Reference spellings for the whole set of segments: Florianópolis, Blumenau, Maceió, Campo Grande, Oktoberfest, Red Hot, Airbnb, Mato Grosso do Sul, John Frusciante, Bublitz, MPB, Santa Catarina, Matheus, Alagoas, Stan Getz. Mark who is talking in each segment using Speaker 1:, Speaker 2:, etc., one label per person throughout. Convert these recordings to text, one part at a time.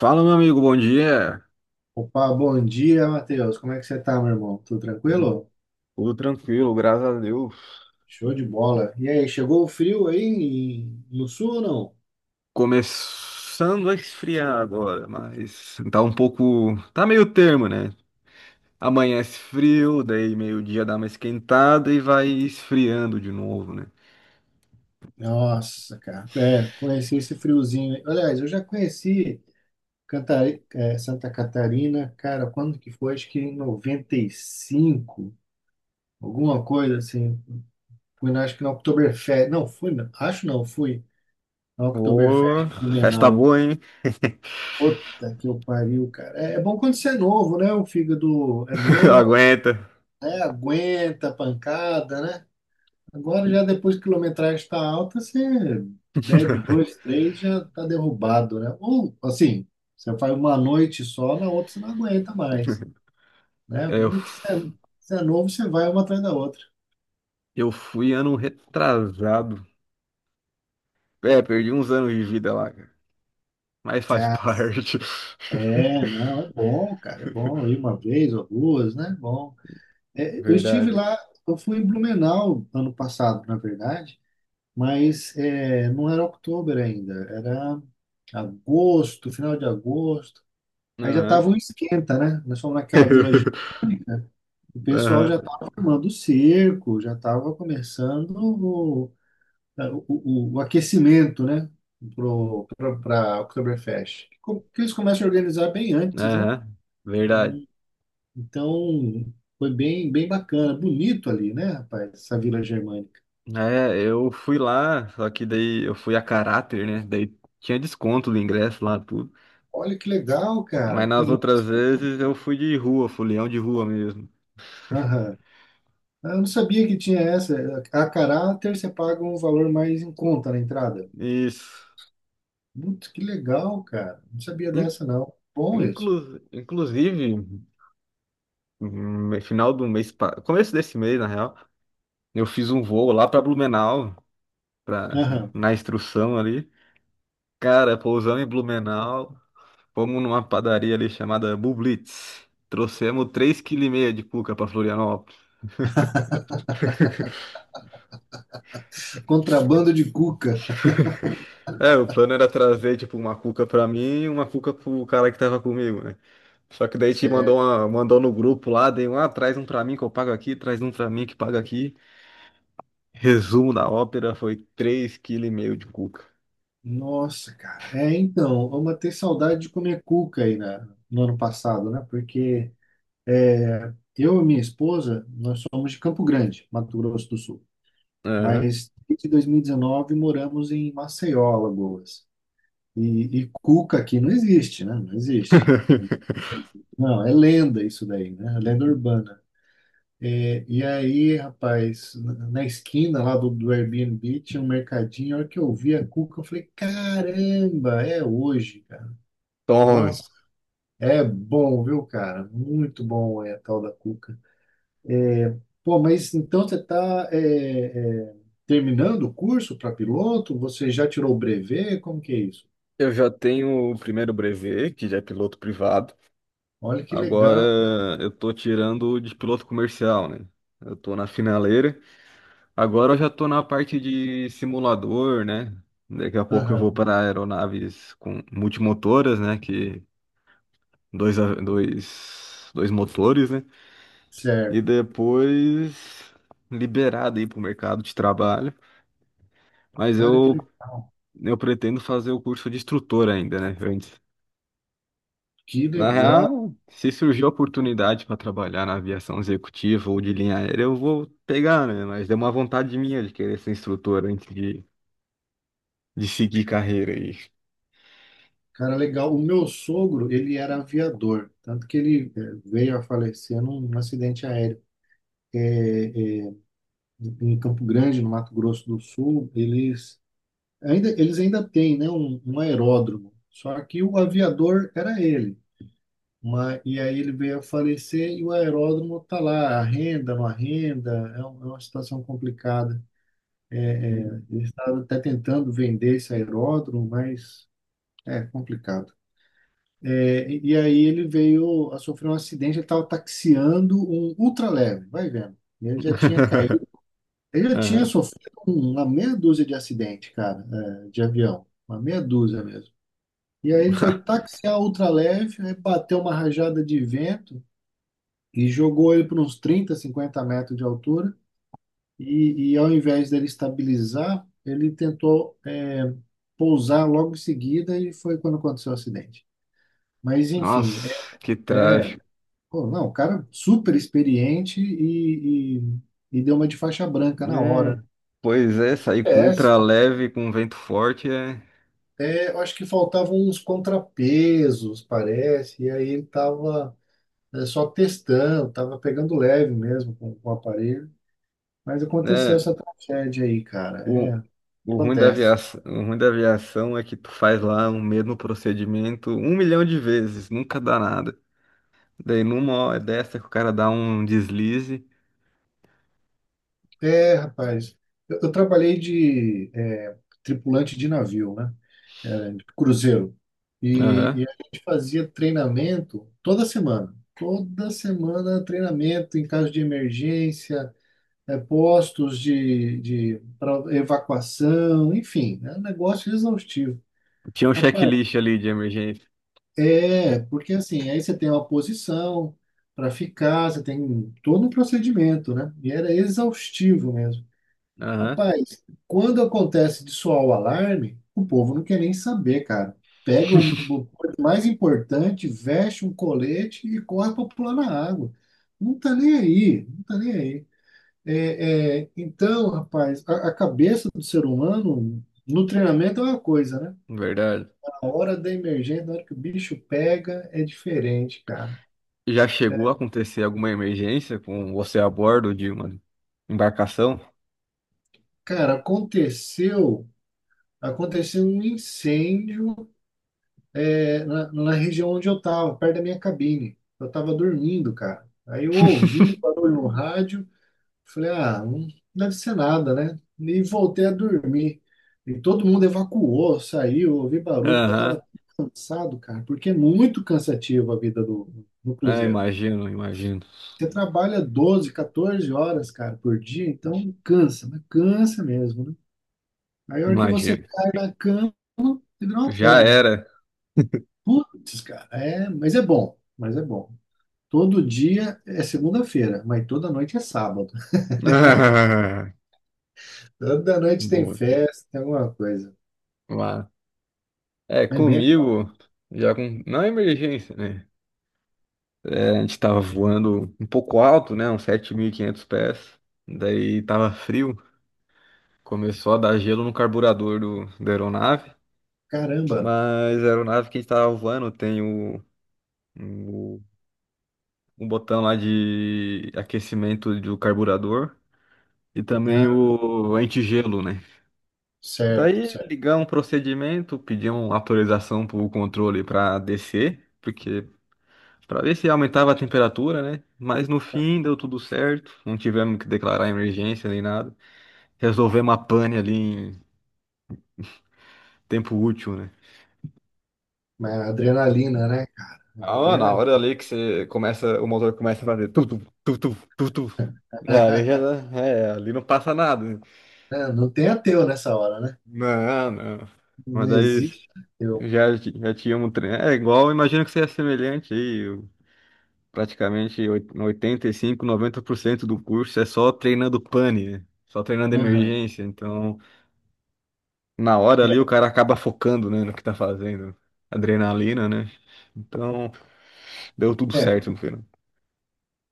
Speaker 1: Fala, meu amigo, bom dia.
Speaker 2: Opa, bom dia, Matheus. Como é que você tá, meu irmão? Tudo tranquilo?
Speaker 1: Tudo tranquilo, graças a Deus.
Speaker 2: Show de bola. E aí, chegou o frio aí no sul ou não?
Speaker 1: Começando a esfriar agora, mas tá um pouco. Tá meio termo, né? Amanhece frio, daí meio-dia dá uma esquentada e vai esfriando de novo, né?
Speaker 2: Nossa, cara, é, conheci esse friozinho aí. Aliás, eu já conheci Santa Catarina, cara, quando que foi? Acho que em 95, alguma coisa assim. Fui, acho que na Oktoberfest. Não, fui, não. Acho não, fui na Oktoberfest
Speaker 1: Ô,
Speaker 2: em
Speaker 1: festa
Speaker 2: Blumenau.
Speaker 1: boa, hein?
Speaker 2: Puta que eu pariu, cara. É bom quando você é novo, né? O fígado é novo.
Speaker 1: Aguenta.
Speaker 2: né? Aguenta a pancada, né? Agora já depois que a quilometragem está alta, você bebe dois, três, já está derrubado, né? Ou assim, você faz uma noite só, na outra você não aguenta mais, né?
Speaker 1: É, eu,
Speaker 2: Quando você é novo, você vai uma atrás da outra.
Speaker 1: eu fui ano retrasado. É, perdi uns anos de vida lá, cara. Mas faz
Speaker 2: Ah,
Speaker 1: parte.
Speaker 2: é, não, é bom, cara, é bom ir uma vez ou duas, né? É bom. É,
Speaker 1: Verdade.
Speaker 2: eu fui em Blumenau ano passado, na verdade. Mas é, não era outubro ainda, era agosto, final de agosto. Aí já
Speaker 1: Aham.
Speaker 2: tava um esquenta, né? Nós fomos naquela vila, o pessoal
Speaker 1: Aham.
Speaker 2: já estava formando o cerco, já estava começando o aquecimento, né? Para a Oktoberfest. Que eles começam a organizar bem antes, né?
Speaker 1: Aham. Verdade.
Speaker 2: Então foi bem, bem bacana, bonito ali, né, rapaz? Essa vila germânica.
Speaker 1: É, eu fui lá, só que daí eu fui a caráter, né? Daí tinha desconto do ingresso lá, tudo.
Speaker 2: Olha que legal, cara.
Speaker 1: Mas nas
Speaker 2: Tem
Speaker 1: outras
Speaker 2: isso.
Speaker 1: vezes eu fui de rua, fui leão de rua mesmo.
Speaker 2: Ah, eu não sabia que tinha essa. A caráter você paga um valor mais em conta na entrada.
Speaker 1: Isso.
Speaker 2: Putz, que legal, cara. Não sabia
Speaker 1: In-
Speaker 2: dessa, não. Bom isso.
Speaker 1: Inclusive, no final do mês, começo desse mês, na real, eu fiz um voo lá pra Blumenau, pra,
Speaker 2: Aham.
Speaker 1: na instrução ali. Cara, pousamos em Blumenau. Fomos numa padaria ali chamada Bublitz. Trouxemos 3,5 kg de cuca pra Florianópolis.
Speaker 2: Contrabando de cuca.
Speaker 1: É, o plano era trazer, tipo, uma cuca pra mim e uma cuca pro cara que tava comigo, né? Só que daí te mandou,
Speaker 2: Certo.
Speaker 1: uma, mandou no grupo lá, dei um, ah, traz um pra mim que eu pago aqui, traz um pra mim que paga aqui. Resumo da ópera foi 3,5 kg de cuca.
Speaker 2: Nossa, cara. É, então, vamos ter saudade de comer cuca aí no ano passado, né? Porque é, eu e minha esposa, nós somos de Campo Grande, Mato Grosso do Sul.
Speaker 1: Aham.
Speaker 2: Mas desde 2019 moramos em Maceió, Alagoas. E cuca aqui não existe, né? Não existe. Não, é lenda isso daí, né? É lenda urbana. É, e aí, rapaz, na esquina lá do Airbnb tinha um mercadinho. A hora que eu vi a cuca, eu falei: caramba, é hoje, cara.
Speaker 1: Tome.
Speaker 2: Nossa, é bom, viu, cara? Muito bom é a tal da cuca. É, pô, mas então você está terminando o curso para piloto? Você já tirou o brevet? Como que é isso?
Speaker 1: Eu já tenho o primeiro brevet, que já é piloto privado.
Speaker 2: Olha que
Speaker 1: Agora
Speaker 2: legal.
Speaker 1: eu tô tirando o de piloto comercial, né? Eu tô na finaleira. Agora eu já estou na parte de simulador, né? Daqui a pouco eu vou
Speaker 2: Aham,
Speaker 1: para aeronaves com multimotoras, né? Que dois, dois motores, né? E
Speaker 2: certo.
Speaker 1: depois liberado aí para o mercado de trabalho. Mas
Speaker 2: Cara, que
Speaker 1: eu,
Speaker 2: legal.
Speaker 1: eu pretendo fazer o curso de instrutor ainda, né? Antes.
Speaker 2: Que
Speaker 1: Na
Speaker 2: legal.
Speaker 1: real, se surgir a oportunidade para trabalhar na aviação executiva ou de linha aérea, eu vou pegar, né? Mas é uma vontade minha de querer ser instrutor antes de seguir carreira aí.
Speaker 2: Cara, legal. O meu sogro, ele era aviador, tanto que ele veio a falecer num acidente aéreo. É, é, Em Campo Grande, no Mato Grosso do Sul. Eles ainda têm, né, um aeródromo, só que o aviador era ele. Mas, e aí ele veio a falecer e o aeródromo está lá, arrenda, não arrenda, é, é uma situação complicada. Eles estavam até tentando vender esse aeródromo, mas é complicado. É, e aí ele veio a sofrer um acidente, ele estava taxiando um ultraleve, vai vendo. E ele já tinha caído, ele já tinha
Speaker 1: Aham.
Speaker 2: sofrido uma meia dúzia de acidente, cara, é, de avião, uma meia dúzia mesmo. E aí ele foi taxiar o ultraleve, aí bateu uma rajada de vento e jogou ele para uns 30, 50 metros de altura. E ao invés dele estabilizar, ele tentou, é, pousar logo em seguida e foi quando aconteceu o acidente. Mas enfim,
Speaker 1: Nossa, que
Speaker 2: é
Speaker 1: trágico.
Speaker 2: pô, não, o cara super experiente e deu uma de faixa branca na hora.
Speaker 1: É, pois é, sair com
Speaker 2: Acontece.
Speaker 1: ultra leve, com vento forte é,
Speaker 2: É, eu acho que faltavam uns contrapesos, parece, e aí ele estava só testando, estava pegando leve mesmo com o aparelho. Mas aconteceu
Speaker 1: né,
Speaker 2: essa tragédia aí, cara.
Speaker 1: o,
Speaker 2: É,
Speaker 1: o ruim da
Speaker 2: acontece.
Speaker 1: aviação, o ruim da aviação é que tu faz lá o mesmo procedimento um milhão de vezes, nunca dá nada. Daí numa hora dessa que o cara dá um deslize.
Speaker 2: É, rapaz, eu trabalhei de é, tripulante de navio, né? Era de cruzeiro. E
Speaker 1: Aham.
Speaker 2: a gente fazia treinamento toda semana. Toda semana treinamento em caso de emergência, postos de pra evacuação, enfim, é um negócio exaustivo.
Speaker 1: Tinha um
Speaker 2: Rapaz,
Speaker 1: checklist ali de emergência.
Speaker 2: é, porque assim, aí você tem uma posição para ficar, você tem todo um procedimento, né? E era exaustivo mesmo.
Speaker 1: Aham,
Speaker 2: Rapaz, quando acontece de soar o alarme, o povo não quer nem saber, cara. Pega o mais importante, veste um colete e corre para pular na água. Não tá nem aí, não tá nem aí. É, é, então, rapaz, a cabeça do ser humano no treinamento é uma coisa, né?
Speaker 1: verdade.
Speaker 2: A hora da emergência, na hora que o bicho pega, é diferente, cara.
Speaker 1: Já chegou a acontecer alguma emergência com você a bordo de uma embarcação?
Speaker 2: Cara, aconteceu um incêndio. Na, na região onde eu estava, perto da minha cabine. Eu estava dormindo, cara. Aí eu ouvi o barulho no rádio, falei, ah, não deve ser nada, né? E voltei a dormir. E todo mundo evacuou, saiu, eu ouvi barulho, mas eu
Speaker 1: Aham.
Speaker 2: estava cansado, cara, porque é muito cansativo a vida do
Speaker 1: Ah,
Speaker 2: cruzeiro.
Speaker 1: imagino, imagino.
Speaker 2: Você trabalha 12, 14 horas, cara, por dia, então cansa, mas cansa mesmo, né? Aí a hora que você
Speaker 1: Imagino.
Speaker 2: cai na cama, você vira uma
Speaker 1: Já
Speaker 2: pedra.
Speaker 1: era.
Speaker 2: Putz, cara, é, mas é bom, mas é bom. Todo dia é segunda-feira, mas toda noite é sábado.
Speaker 1: Ah,
Speaker 2: Toda noite tem
Speaker 1: boa.
Speaker 2: festa, tem alguma coisa.
Speaker 1: Lá. É,
Speaker 2: É bem legal.
Speaker 1: comigo, já com. Não é emergência, né? É, a gente tava voando um pouco alto, né? Uns 7.500 pés. Daí tava frio. Começou a dar gelo no carburador do, da aeronave.
Speaker 2: Caramba.
Speaker 1: Mas a aeronave que a gente tava voando tem o, o botão lá de aquecimento do carburador. E também
Speaker 2: Ah,
Speaker 1: o antigelo, né?
Speaker 2: certo,
Speaker 1: Daí
Speaker 2: certo.
Speaker 1: ligar um procedimento, pedir uma autorização para o controle para descer, porque para ver se aumentava a temperatura, né? Mas no fim deu tudo certo, não tivemos que declarar emergência nem nada. Resolvemos a pane ali em tempo útil, né?
Speaker 2: Mas a adrenalina, né? A
Speaker 1: Ah, na
Speaker 2: adrenalina.
Speaker 1: hora ali que você começa, o motor começa a fazer tudo, tudo, tudo. Ali já,
Speaker 2: É,
Speaker 1: é, ali não passa nada. Né?
Speaker 2: Não tem ateu nessa hora, né?
Speaker 1: Não, não.
Speaker 2: Não
Speaker 1: Mas daí
Speaker 2: existe ateu.
Speaker 1: já, já tínhamos treino. É igual, imagino que seja semelhante aí. Praticamente 85, 90% do curso é só treinando pane, né? Só treinando
Speaker 2: Aham.
Speaker 1: emergência. Então, na hora ali, o cara acaba focando, né, no que tá fazendo. Adrenalina, né? Então, deu tudo
Speaker 2: É, é,
Speaker 1: certo no final.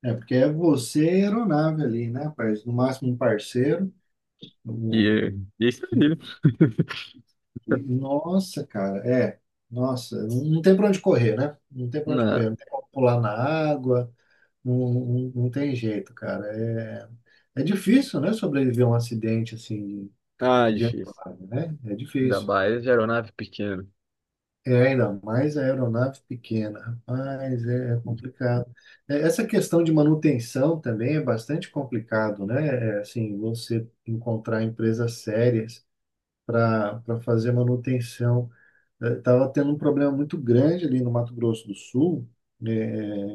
Speaker 2: é, porque é você e a aeronave ali, né, parceiro? No máximo um parceiro.
Speaker 1: E,
Speaker 2: Um-
Speaker 1: é- e é isso aí.
Speaker 2: Nossa, cara, é. Nossa, não tem pra onde correr, né? Não tem pra onde
Speaker 1: Na...
Speaker 2: correr, não tem como pular na água. Não, não, não tem jeito, cara. É difícil, né, sobreviver a um acidente assim
Speaker 1: Ah,
Speaker 2: de
Speaker 1: difícil.
Speaker 2: aeronave, né? É
Speaker 1: Ainda
Speaker 2: difícil.
Speaker 1: mais de aeronave pequena.
Speaker 2: É ainda mais a aeronave pequena. Rapaz, é complicado. É, essa questão de manutenção também é bastante complicado, né? É, assim, você encontrar empresas sérias para fazer manutenção. Estava tendo um problema muito grande ali no Mato Grosso do Sul, né,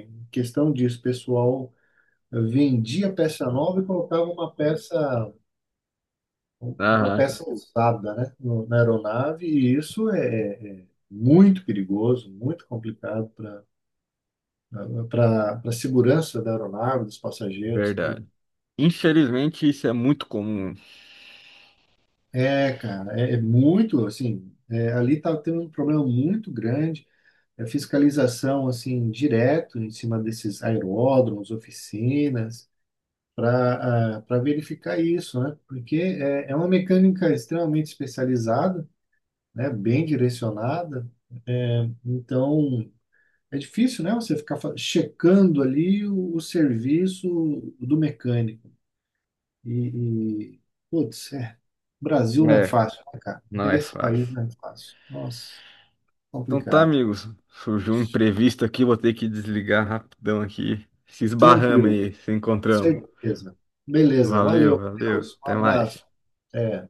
Speaker 2: em questão disso, pessoal vendia peça nova e colocava uma peça, uma
Speaker 1: Aham,
Speaker 2: peça usada, né, na aeronave, e isso é muito perigoso, muito complicado para a segurança da aeronave, dos passageiros, tudo.
Speaker 1: verdade. Infelizmente, isso é muito comum.
Speaker 2: É, cara, é muito, assim, é, ali tá tendo um problema muito grande, é fiscalização, assim, direto em cima desses aeródromos, oficinas, para verificar isso, né? Porque é uma mecânica extremamente especializada, né? Bem direcionada, é, então é difícil, né? Você ficar checando ali o serviço do mecânico e putz, Brasil não é
Speaker 1: É,
Speaker 2: fácil, né, cara?
Speaker 1: não é
Speaker 2: Esse país
Speaker 1: fácil.
Speaker 2: não é fácil. Nossa,
Speaker 1: Então tá,
Speaker 2: complicado.
Speaker 1: amigos. Surgiu um imprevisto aqui, vou ter que desligar rapidão aqui. Se esbarramos
Speaker 2: Tranquilo,
Speaker 1: aí, se encontramos.
Speaker 2: certeza. Beleza,
Speaker 1: Valeu,
Speaker 2: valeu,
Speaker 1: valeu.
Speaker 2: Matheus. Um
Speaker 1: Até mais.
Speaker 2: abraço. É.